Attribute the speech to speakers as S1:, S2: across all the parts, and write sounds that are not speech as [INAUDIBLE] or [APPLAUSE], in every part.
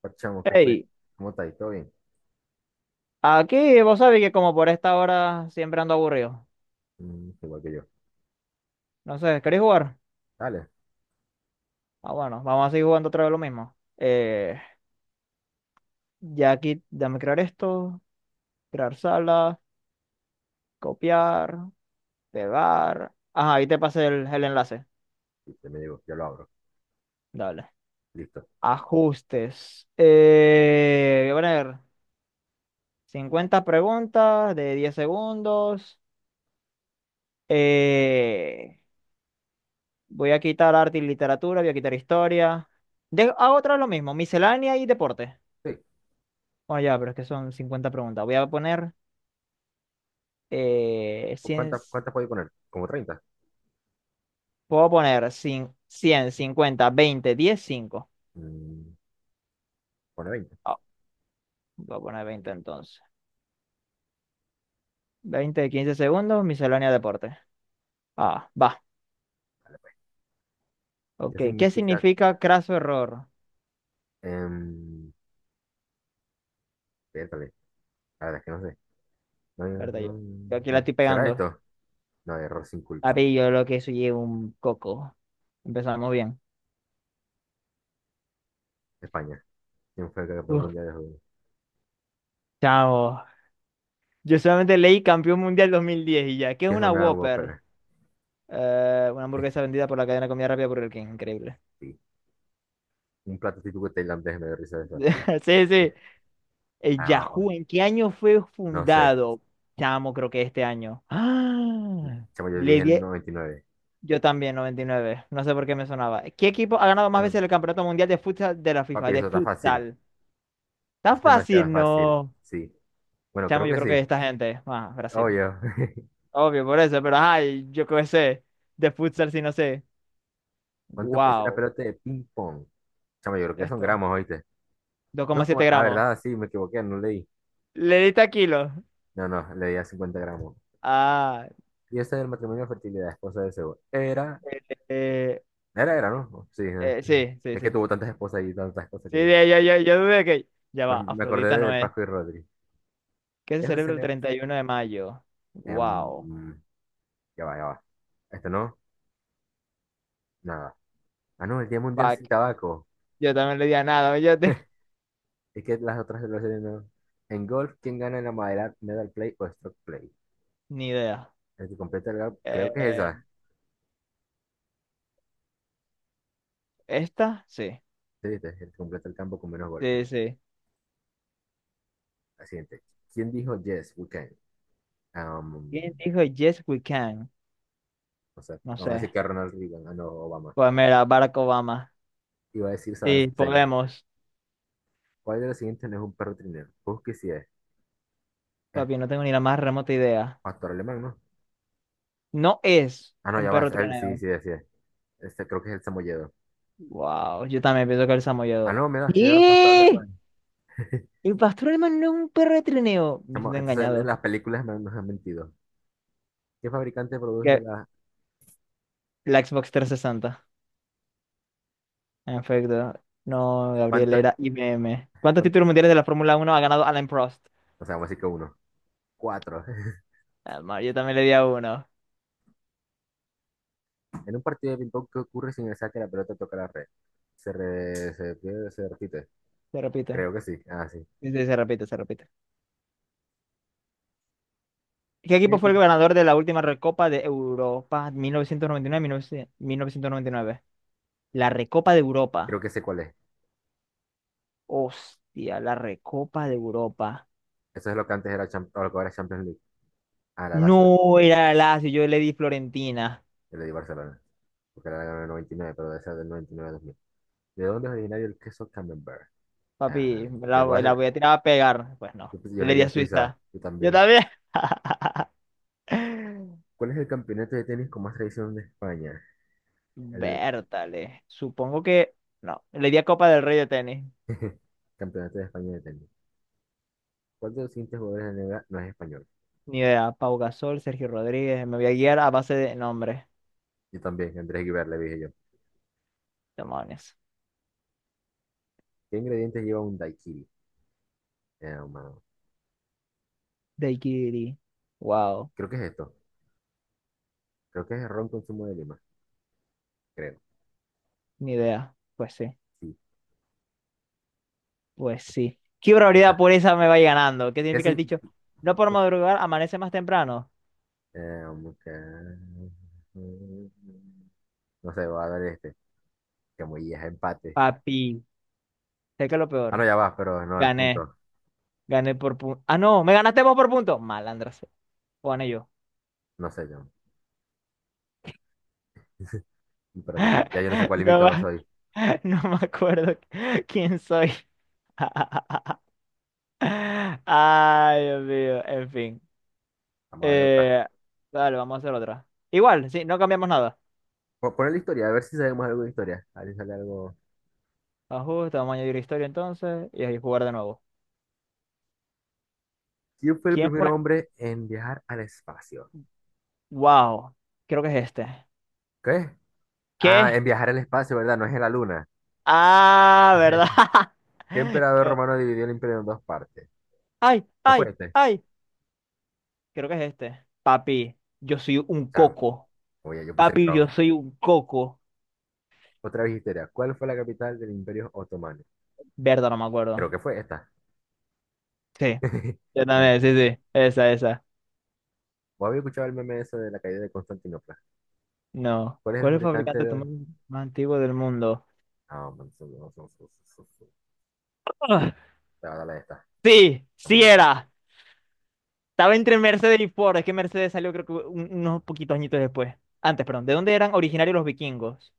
S1: Parchamo, ¿qué fue?
S2: Hey,
S1: ¿Cómo estáis? ¿Todo bien?
S2: aquí vos sabés que como por esta hora siempre ando aburrido.
S1: Igual que yo.
S2: No sé, ¿queréis jugar?
S1: Dale.
S2: Ah, bueno, vamos a seguir jugando otra vez lo mismo. Ya aquí, dame crear esto, crear sala, copiar, pegar. Ajá, ahí te pasé el enlace.
S1: Listo, me llegó, ya lo abro.
S2: Dale.
S1: Listo.
S2: Ajustes. Voy a poner 50 preguntas de 10 segundos. Eh, voy a quitar arte y literatura, voy a quitar historia. Hago otra vez lo mismo, miscelánea y deporte.
S1: Sí.
S2: Oh, ya, pero es que son 50 preguntas. Voy a poner
S1: Pues,
S2: 100,
S1: ¿cuántas puedo poner? ¿Como treinta?
S2: puedo poner 100, 100, 50, 20, 10, 5.
S1: Mm, pone veinte.
S2: Ah, voy a poner 20 entonces. 20 de 15 segundos, miscelánea deporte. Ah, va.
S1: Dale, pues. ¿Qué
S2: Ok, ¿qué
S1: significa?
S2: significa craso error?
S1: em, Pértale. La verdad es que no sé. No, no,
S2: Verdad, yo,
S1: no,
S2: yo aquí la
S1: no sé.
S2: estoy
S1: ¿Será
S2: pegando.
S1: esto? No, error sin culpa.
S2: Papi, yo lo que soy es un coco. Empezamos bien.
S1: España. ¿Quién fue el campeón
S2: Uf,
S1: mundial de juego?
S2: chao. Yo solamente leí campeón mundial 2010 y ya. ¿Qué es
S1: ¿Qué es
S2: una
S1: una
S2: Whopper?
S1: ópera?
S2: Una hamburguesa vendida por la cadena de comida rápida el King. Increíble.
S1: Sí. Un plato típico tailandés me dio risa de eso.
S2: [LAUGHS] Sí, sí. El
S1: Ah,
S2: Yahoo, ¿en qué año fue
S1: no sé.
S2: fundado? Chamo, creo que este año. ¡Ah!
S1: Chamo, yo
S2: Le
S1: dije el
S2: di.
S1: 99.
S2: Yo también, 99. No sé por qué me sonaba. ¿Qué equipo ha ganado más
S1: Bueno,
S2: veces el Campeonato Mundial de Futsal de la FIFA?
S1: papi,
S2: De
S1: eso está fácil.
S2: futsal. ¿Está
S1: Es demasiado
S2: fácil?
S1: fácil,
S2: No.
S1: sí. Bueno,
S2: Chamo,
S1: creo
S2: yo
S1: que
S2: creo que
S1: sí.
S2: esta gente. Ah, Brasil.
S1: Oye, [LAUGHS]
S2: Obvio, por eso, pero ay, yo qué sé. De futsal, sí, no sé.
S1: ¿cuánto pesa la
S2: Wow.
S1: pelota de ping pong? Chamo, yo creo que son
S2: Esto.
S1: gramos, ¿oíste?
S2: Dos coma
S1: Dos
S2: siete
S1: coma. Ah,
S2: gramos.
S1: verdad, sí, me equivoqué, no leí.
S2: Le diste a kilo.
S1: No, no, leí a 50 gramos.
S2: Ah.
S1: Y ese del matrimonio de fertilidad, esposa de Zeus. Era,
S2: eh,
S1: era,
S2: eh,
S1: era, ¿no? Oh, sí, ¿no? [LAUGHS]
S2: sí, sí,
S1: Es que
S2: sí.
S1: tuvo tantas esposas y tantas cosas
S2: Sí,
S1: que yo.
S2: ya, ya, ya, yo dudé que. Ya
S1: Pero
S2: va,
S1: me
S2: Afrodita
S1: acordé de
S2: no es.
S1: Paco y Rodri.
S2: ¿Qué se
S1: ¿Qué se
S2: celebra el
S1: lee?
S2: 31 de mayo?
S1: Em,
S2: Wow.
S1: ya va, ya va. Este no, nada. Ah, no, el Día Mundial sin
S2: Fuck.
S1: Tabaco.
S2: Yo también le di a nada, yo te.
S1: Es que las otras las series no. En golf, ¿quién gana en la madera, medal play o stroke play?
S2: [LAUGHS] Ni idea.
S1: El que completa el campo, creo que es
S2: Eh,
S1: esa.
S2: ¿Esta? Sí.
S1: Sí, viste, el que completa el campo con menos golpes.
S2: Sí, sí.
S1: La siguiente. ¿Quién dijo yes, we can? Um,
S2: ¿Quién dijo Yes, we can?
S1: o sea,
S2: No
S1: vamos a
S2: sé.
S1: decir que Ronald Reagan, ah, no, Obama.
S2: Pues mira, Barack Obama.
S1: Iba a decir Saddam
S2: Sí,
S1: Hussein.
S2: podemos.
S1: ¿Cuál de los siguientes no es un perro trineo? Busque si es. Es
S2: Papi, no tengo ni la más remota idea.
S1: pastor alemán, ¿no?
S2: No es
S1: Ah, no,
S2: un
S1: ya
S2: perro
S1: vas. Él sí,
S2: trineo.
S1: sí, sí. Es. Este creo que es el samoyedo.
S2: Wow, yo también pienso que el
S1: Ah,
S2: samoyedo.
S1: no, mira, sí, era pastor
S2: ¿Qué?
S1: alemán. [LAUGHS]
S2: El pastor alemán no es un perro de trineo. Me
S1: Chamo,
S2: siento
S1: entonces,
S2: engañado.
S1: las películas nos han mentido. ¿Qué fabricante produce
S2: ¿Qué?
S1: las?
S2: La Xbox 360, en efecto. No, Gabriel,
S1: ¿Cuántas?
S2: era IBM. ¿Cuántos títulos mundiales de la Fórmula Uno ha ganado Alain Prost?
S1: O sea, vamos a decir que uno. Cuatro. [LAUGHS]
S2: Ah, ma, yo también le di a uno.
S1: En un partido de ping-pong, ¿qué ocurre si en el saque la pelota toca la red? ¿Se, re- se pierde- se repite?
S2: Se repite.
S1: Creo que sí. Ah, sí.
S2: Sí, sí, se repite, se repite. ¿Qué
S1: ¿Qué
S2: equipo fue el
S1: equipo?
S2: ganador de la última Recopa de Europa 1999-1999? La Recopa de
S1: Creo
S2: Europa.
S1: que sé cuál es.
S2: Hostia, la Recopa de Europa.
S1: Eso es lo que antes era, o lo que ahora es Champions League. Ah, la Lazio.
S2: No era Lazio, yo le di Florentina.
S1: El de Barcelona. Porque era del noventa y nueve, pero debe ser del noventa y nueve a dos mil. ¿De dónde es originario el queso Camembert? Ah,
S2: Papi, me
S1: yo,
S2: la,
S1: lo voy a
S2: la voy a tirar a pegar. Pues no,
S1: yo pues, yo le
S2: le
S1: di
S2: di
S1: a
S2: a
S1: Suiza.
S2: Suiza.
S1: Yo
S2: Yo
S1: también.
S2: también. [LAUGHS]
S1: ¿Cuál es el campeonato de tenis con más tradición de España? El
S2: Bertale. Supongo que. No. Le di a Copa del Rey de tenis.
S1: [LAUGHS] Campeonato de España de tenis. ¿Cuál de los siguientes jugadores de la NBA no es español?
S2: Ni idea. Pau Gasol, Sergio Rodríguez. Me voy a guiar a base de nombres.
S1: Yo también, Andrés Guibar, le dije yo.
S2: Demonios.
S1: ¿Qué ingredientes lleva un daiquiri? Mano,
S2: Daiquiri. Wow.
S1: creo que es esto. Creo que es ron con zumo de lima, creo.
S2: Ni idea. Pues sí.
S1: Sí,
S2: Pues sí. Qué probabilidad
S1: esta.
S2: por esa me vaya ganando. ¿Qué
S1: ¿Qué
S2: significa el
S1: sin?
S2: dicho? No por
S1: No.
S2: madrugar, amanece más temprano.
S1: Eh, um, que- no sé, voy a dar este. Que muy es empate.
S2: Papi. Sé que es lo
S1: Ah, no,
S2: peor.
S1: ya va, pero no, los
S2: Gané.
S1: puntos.
S2: Gané por punto. Ah, no. Me ganaste vos por punto. Malandra. Sea. Pone yo.
S1: No sé, yo. [LAUGHS]
S2: [LAUGHS]
S1: Espérate, ya yo no sé cuál
S2: No,
S1: invitado soy.
S2: no me acuerdo quién soy. [LAUGHS] Ay, Dios mío, en fin.
S1: Vamos a darle otra.
S2: Eh, vale, vamos a hacer otra. Igual, sí, no cambiamos nada.
S1: Poner la historia, a ver si sabemos algo de historia. A ver si sale algo.
S2: Ajuste, vamos a añadir historia entonces y ahí jugar de nuevo.
S1: ¿Quién fue el
S2: ¿Quién
S1: primer
S2: fue?
S1: hombre en viajar al espacio?
S2: Wow, creo que es este.
S1: ¿Qué? Ah,
S2: ¿Qué?
S1: en viajar al espacio, ¿verdad? No es en la luna.
S2: Ah, ¿verdad?
S1: [LAUGHS] ¿Qué
S2: [LAUGHS]
S1: emperador
S2: ¿Qué?
S1: romano dividió el imperio en dos partes?
S2: Ay,
S1: ¿No fue
S2: ay,
S1: este?
S2: ay. Creo que es este. Papi, yo soy un
S1: Chamo,
S2: coco.
S1: oye, yo puse
S2: Papi,
S1: Nerón.
S2: yo soy un coco.
S1: Otra vez histeria. ¿Cuál fue la capital del imperio otomano?
S2: Verdad, no me acuerdo.
S1: Creo que fue esta.
S2: Sí.
S1: [LAUGHS]
S2: Yo también, sí,
S1: Constantinopla.
S2: sí. Esa, esa.
S1: ¿Vos habéis escuchado el meme ese de la caída de Constantinopla?
S2: No.
S1: ¿Cuál es el
S2: ¿Cuál es el
S1: fabricante
S2: fabricante
S1: de?
S2: automóvil más antiguo del mundo?
S1: Ah, man, su- su-
S2: ¡Ah!
S1: te va a dar la de esta.
S2: Sí,
S1: Está
S2: sí
S1: muy bien.
S2: era. Estaba entre Mercedes y Ford. Es que Mercedes salió creo que unos poquitos añitos después. Antes, perdón. ¿De dónde eran originarios los vikingos?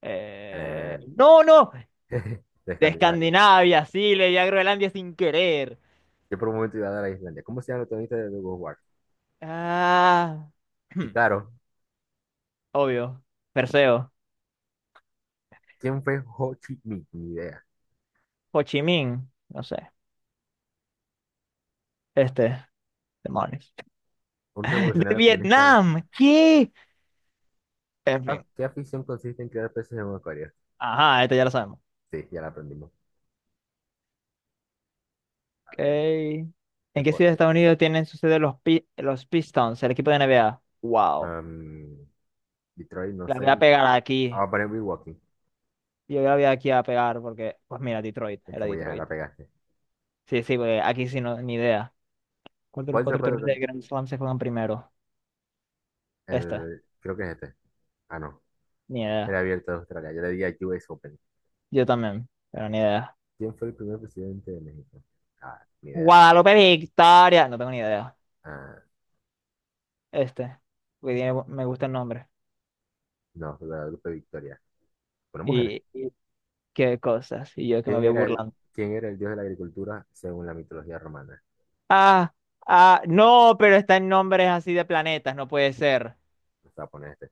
S1: Eh,
S2: No, no.
S1: [LAUGHS] de
S2: De
S1: Escandinavia.
S2: Escandinavia, sí, le di a Groenlandia sin querer.
S1: Yo por un momento iba a dar a Islandia. ¿Cómo se llama el protagonista de The World War?
S2: Ah.
S1: Y
S2: [CLEARS THROAT]
S1: claro,
S2: Obvio. Perseo.
S1: ¿quién fue Ho Chi Minh? Ni idea.
S2: Ho Chi Minh. No sé. Este. Demonios. [LAUGHS]
S1: Un
S2: De
S1: revolucionario comunista.
S2: Vietnam. ¿Qué? En
S1: Ah,
S2: fin.
S1: ¿qué afición consiste en crear peces en un acuario?
S2: Ajá, esto ya lo sabemos.
S1: Sí, ya la aprendimos. A ver,
S2: Okay. ¿En qué ciudad de
S1: deporte.
S2: Estados Unidos tienen su sede los, los Pistons, el equipo de NBA? Wow.
S1: Am, Detroit, no
S2: La
S1: sé.
S2: voy a pegar
S1: Ah,
S2: aquí.
S1: voy a poner Milwaukee.
S2: Yo la voy aquí a pegar porque, pues mira, Detroit,
S1: Es que
S2: era
S1: voy a dejar, la
S2: Detroit.
S1: pegaste.
S2: Sí, sí, porque aquí sí no, ni idea. ¿Cuál de los
S1: ¿Cuál de los
S2: cuatro
S1: cuatro?
S2: torneos de Grand Slam se juegan primero? Este,
S1: El, creo que es este. Ah, no.
S2: ni idea.
S1: Era abierto de Australia. Yo le di a US Open.
S2: Yo también, pero ni idea.
S1: ¿Quién fue el primer presidente de México? Ah, ni idea.
S2: Guadalupe Victoria, no tengo ni idea.
S1: Ah,
S2: Este, porque tiene me gusta el nombre.
S1: no, Guadalupe Victoria. Una mujer.
S2: Y qué cosas. Y yo que me
S1: ¿Quién
S2: voy
S1: era el,
S2: burlando.
S1: quién era el dios de la agricultura según la mitología romana?
S2: Ah, ah, no, pero está en nombres así de planetas, no puede ser.
S1: Vamos a poner este.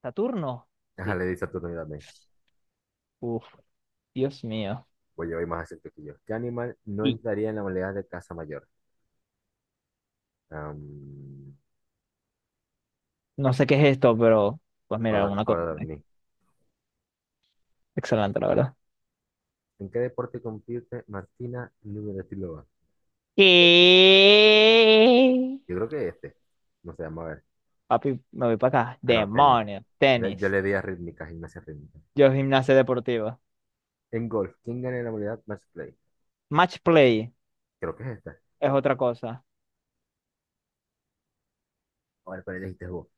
S2: ¿Saturno?
S1: Ajá,
S2: Sí.
S1: le di Saturno también.
S2: Uf, Dios mío.
S1: Voy a ir más acerca que yo. ¿Qué animal no
S2: Y
S1: entraría en la modalidad de casa mayor? Am,
S2: no sé qué es esto, pero pues mira,
S1: codor-
S2: una cosa.
S1: codorniz.
S2: Excelente, la verdad.
S1: ¿En qué deporte compite Martina Navratilova?
S2: ¿Qué?
S1: Yo creo que este. No sé, vamos a ver.
S2: Papi, me voy para acá.
S1: Ah, no, tenis.
S2: Demonios,
S1: Yo
S2: tenis.
S1: le di a rítmica, gimnasia rítmica.
S2: Yo gimnasia deportiva.
S1: En golf, ¿quién gana en la modalidad match play?
S2: Match play
S1: Creo que es esta.
S2: es otra cosa.
S1: A ver, pero elegiste vos.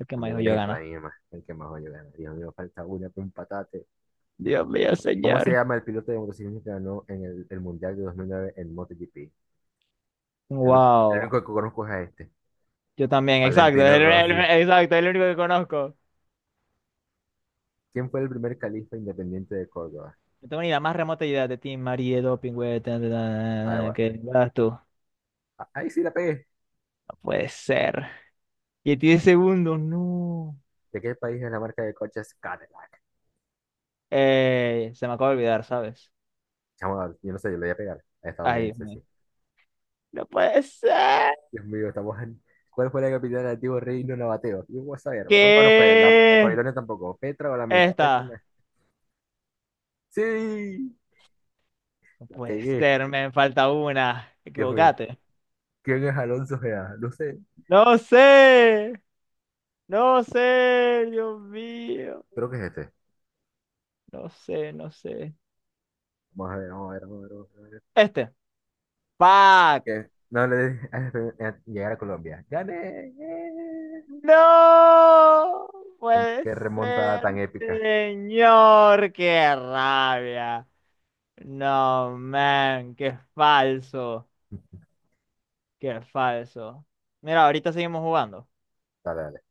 S2: El que más
S1: También
S2: dijo yo
S1: elegiste la
S2: gana.
S1: misma. El que más yo ganar. Dios mío, falta una para un patate.
S2: Dios mío,
S1: ¿Cómo se
S2: señor.
S1: llama el piloto de motociclismo que ganó en el Mundial de 2009 en MotoGP? El, el
S2: Wow.
S1: único que conozco es a este.
S2: Yo también, exacto. Es
S1: Valentino Rossi.
S2: exacto, es el único que conozco.
S1: ¿Quién fue el primer califa independiente de Córdoba?
S2: No tengo ni la más remota idea de ti, Marie Doping, güey. Ta, ta,
S1: Ah,
S2: ta,
S1: bueno.
S2: ¿qué vas tú? No
S1: Ah, ahí sí la pegué.
S2: puede ser. Y tiene segundos, no.
S1: ¿De qué país es la marca de coches Cadillac?
S2: Se me acaba de olvidar, ¿sabes?
S1: Chamo, yo no sé, yo le voy a pegar.
S2: Ay, Dios
S1: Estadounidense, sí.
S2: mío. No puede ser.
S1: Dios mío, estamos en. ¿Cuál fue la capital del antiguo reino nabateo? Yo voy a saber. Ropa no fue,
S2: ¿Qué?
S1: Babilonia tampoco. Petra o la Meca. Petra la.
S2: Esta.
S1: ¡Sí!
S2: No
S1: La
S2: puede
S1: pegué.
S2: ser, me falta una.
S1: Dios mío.
S2: Equivocate.
S1: ¿Quién es Alonso Gea? No sé.
S2: No sé. No sé, Dios mío.
S1: Creo que es este.
S2: No sé, no sé.
S1: Vamos a ver, vamos a ver, vamos a ver. Vamos a ver.
S2: Este. ¡Fuck!
S1: ¿Qué? No le dije a [LAUGHS] llegar a Colombia. ¡Gané! ¡Eh!
S2: No puede
S1: ¡Qué remontada
S2: ser,
S1: tan épica!
S2: señor, qué rabia. No, man, qué falso, qué falso. Mira, ahorita seguimos jugando.
S1: Dale, dale.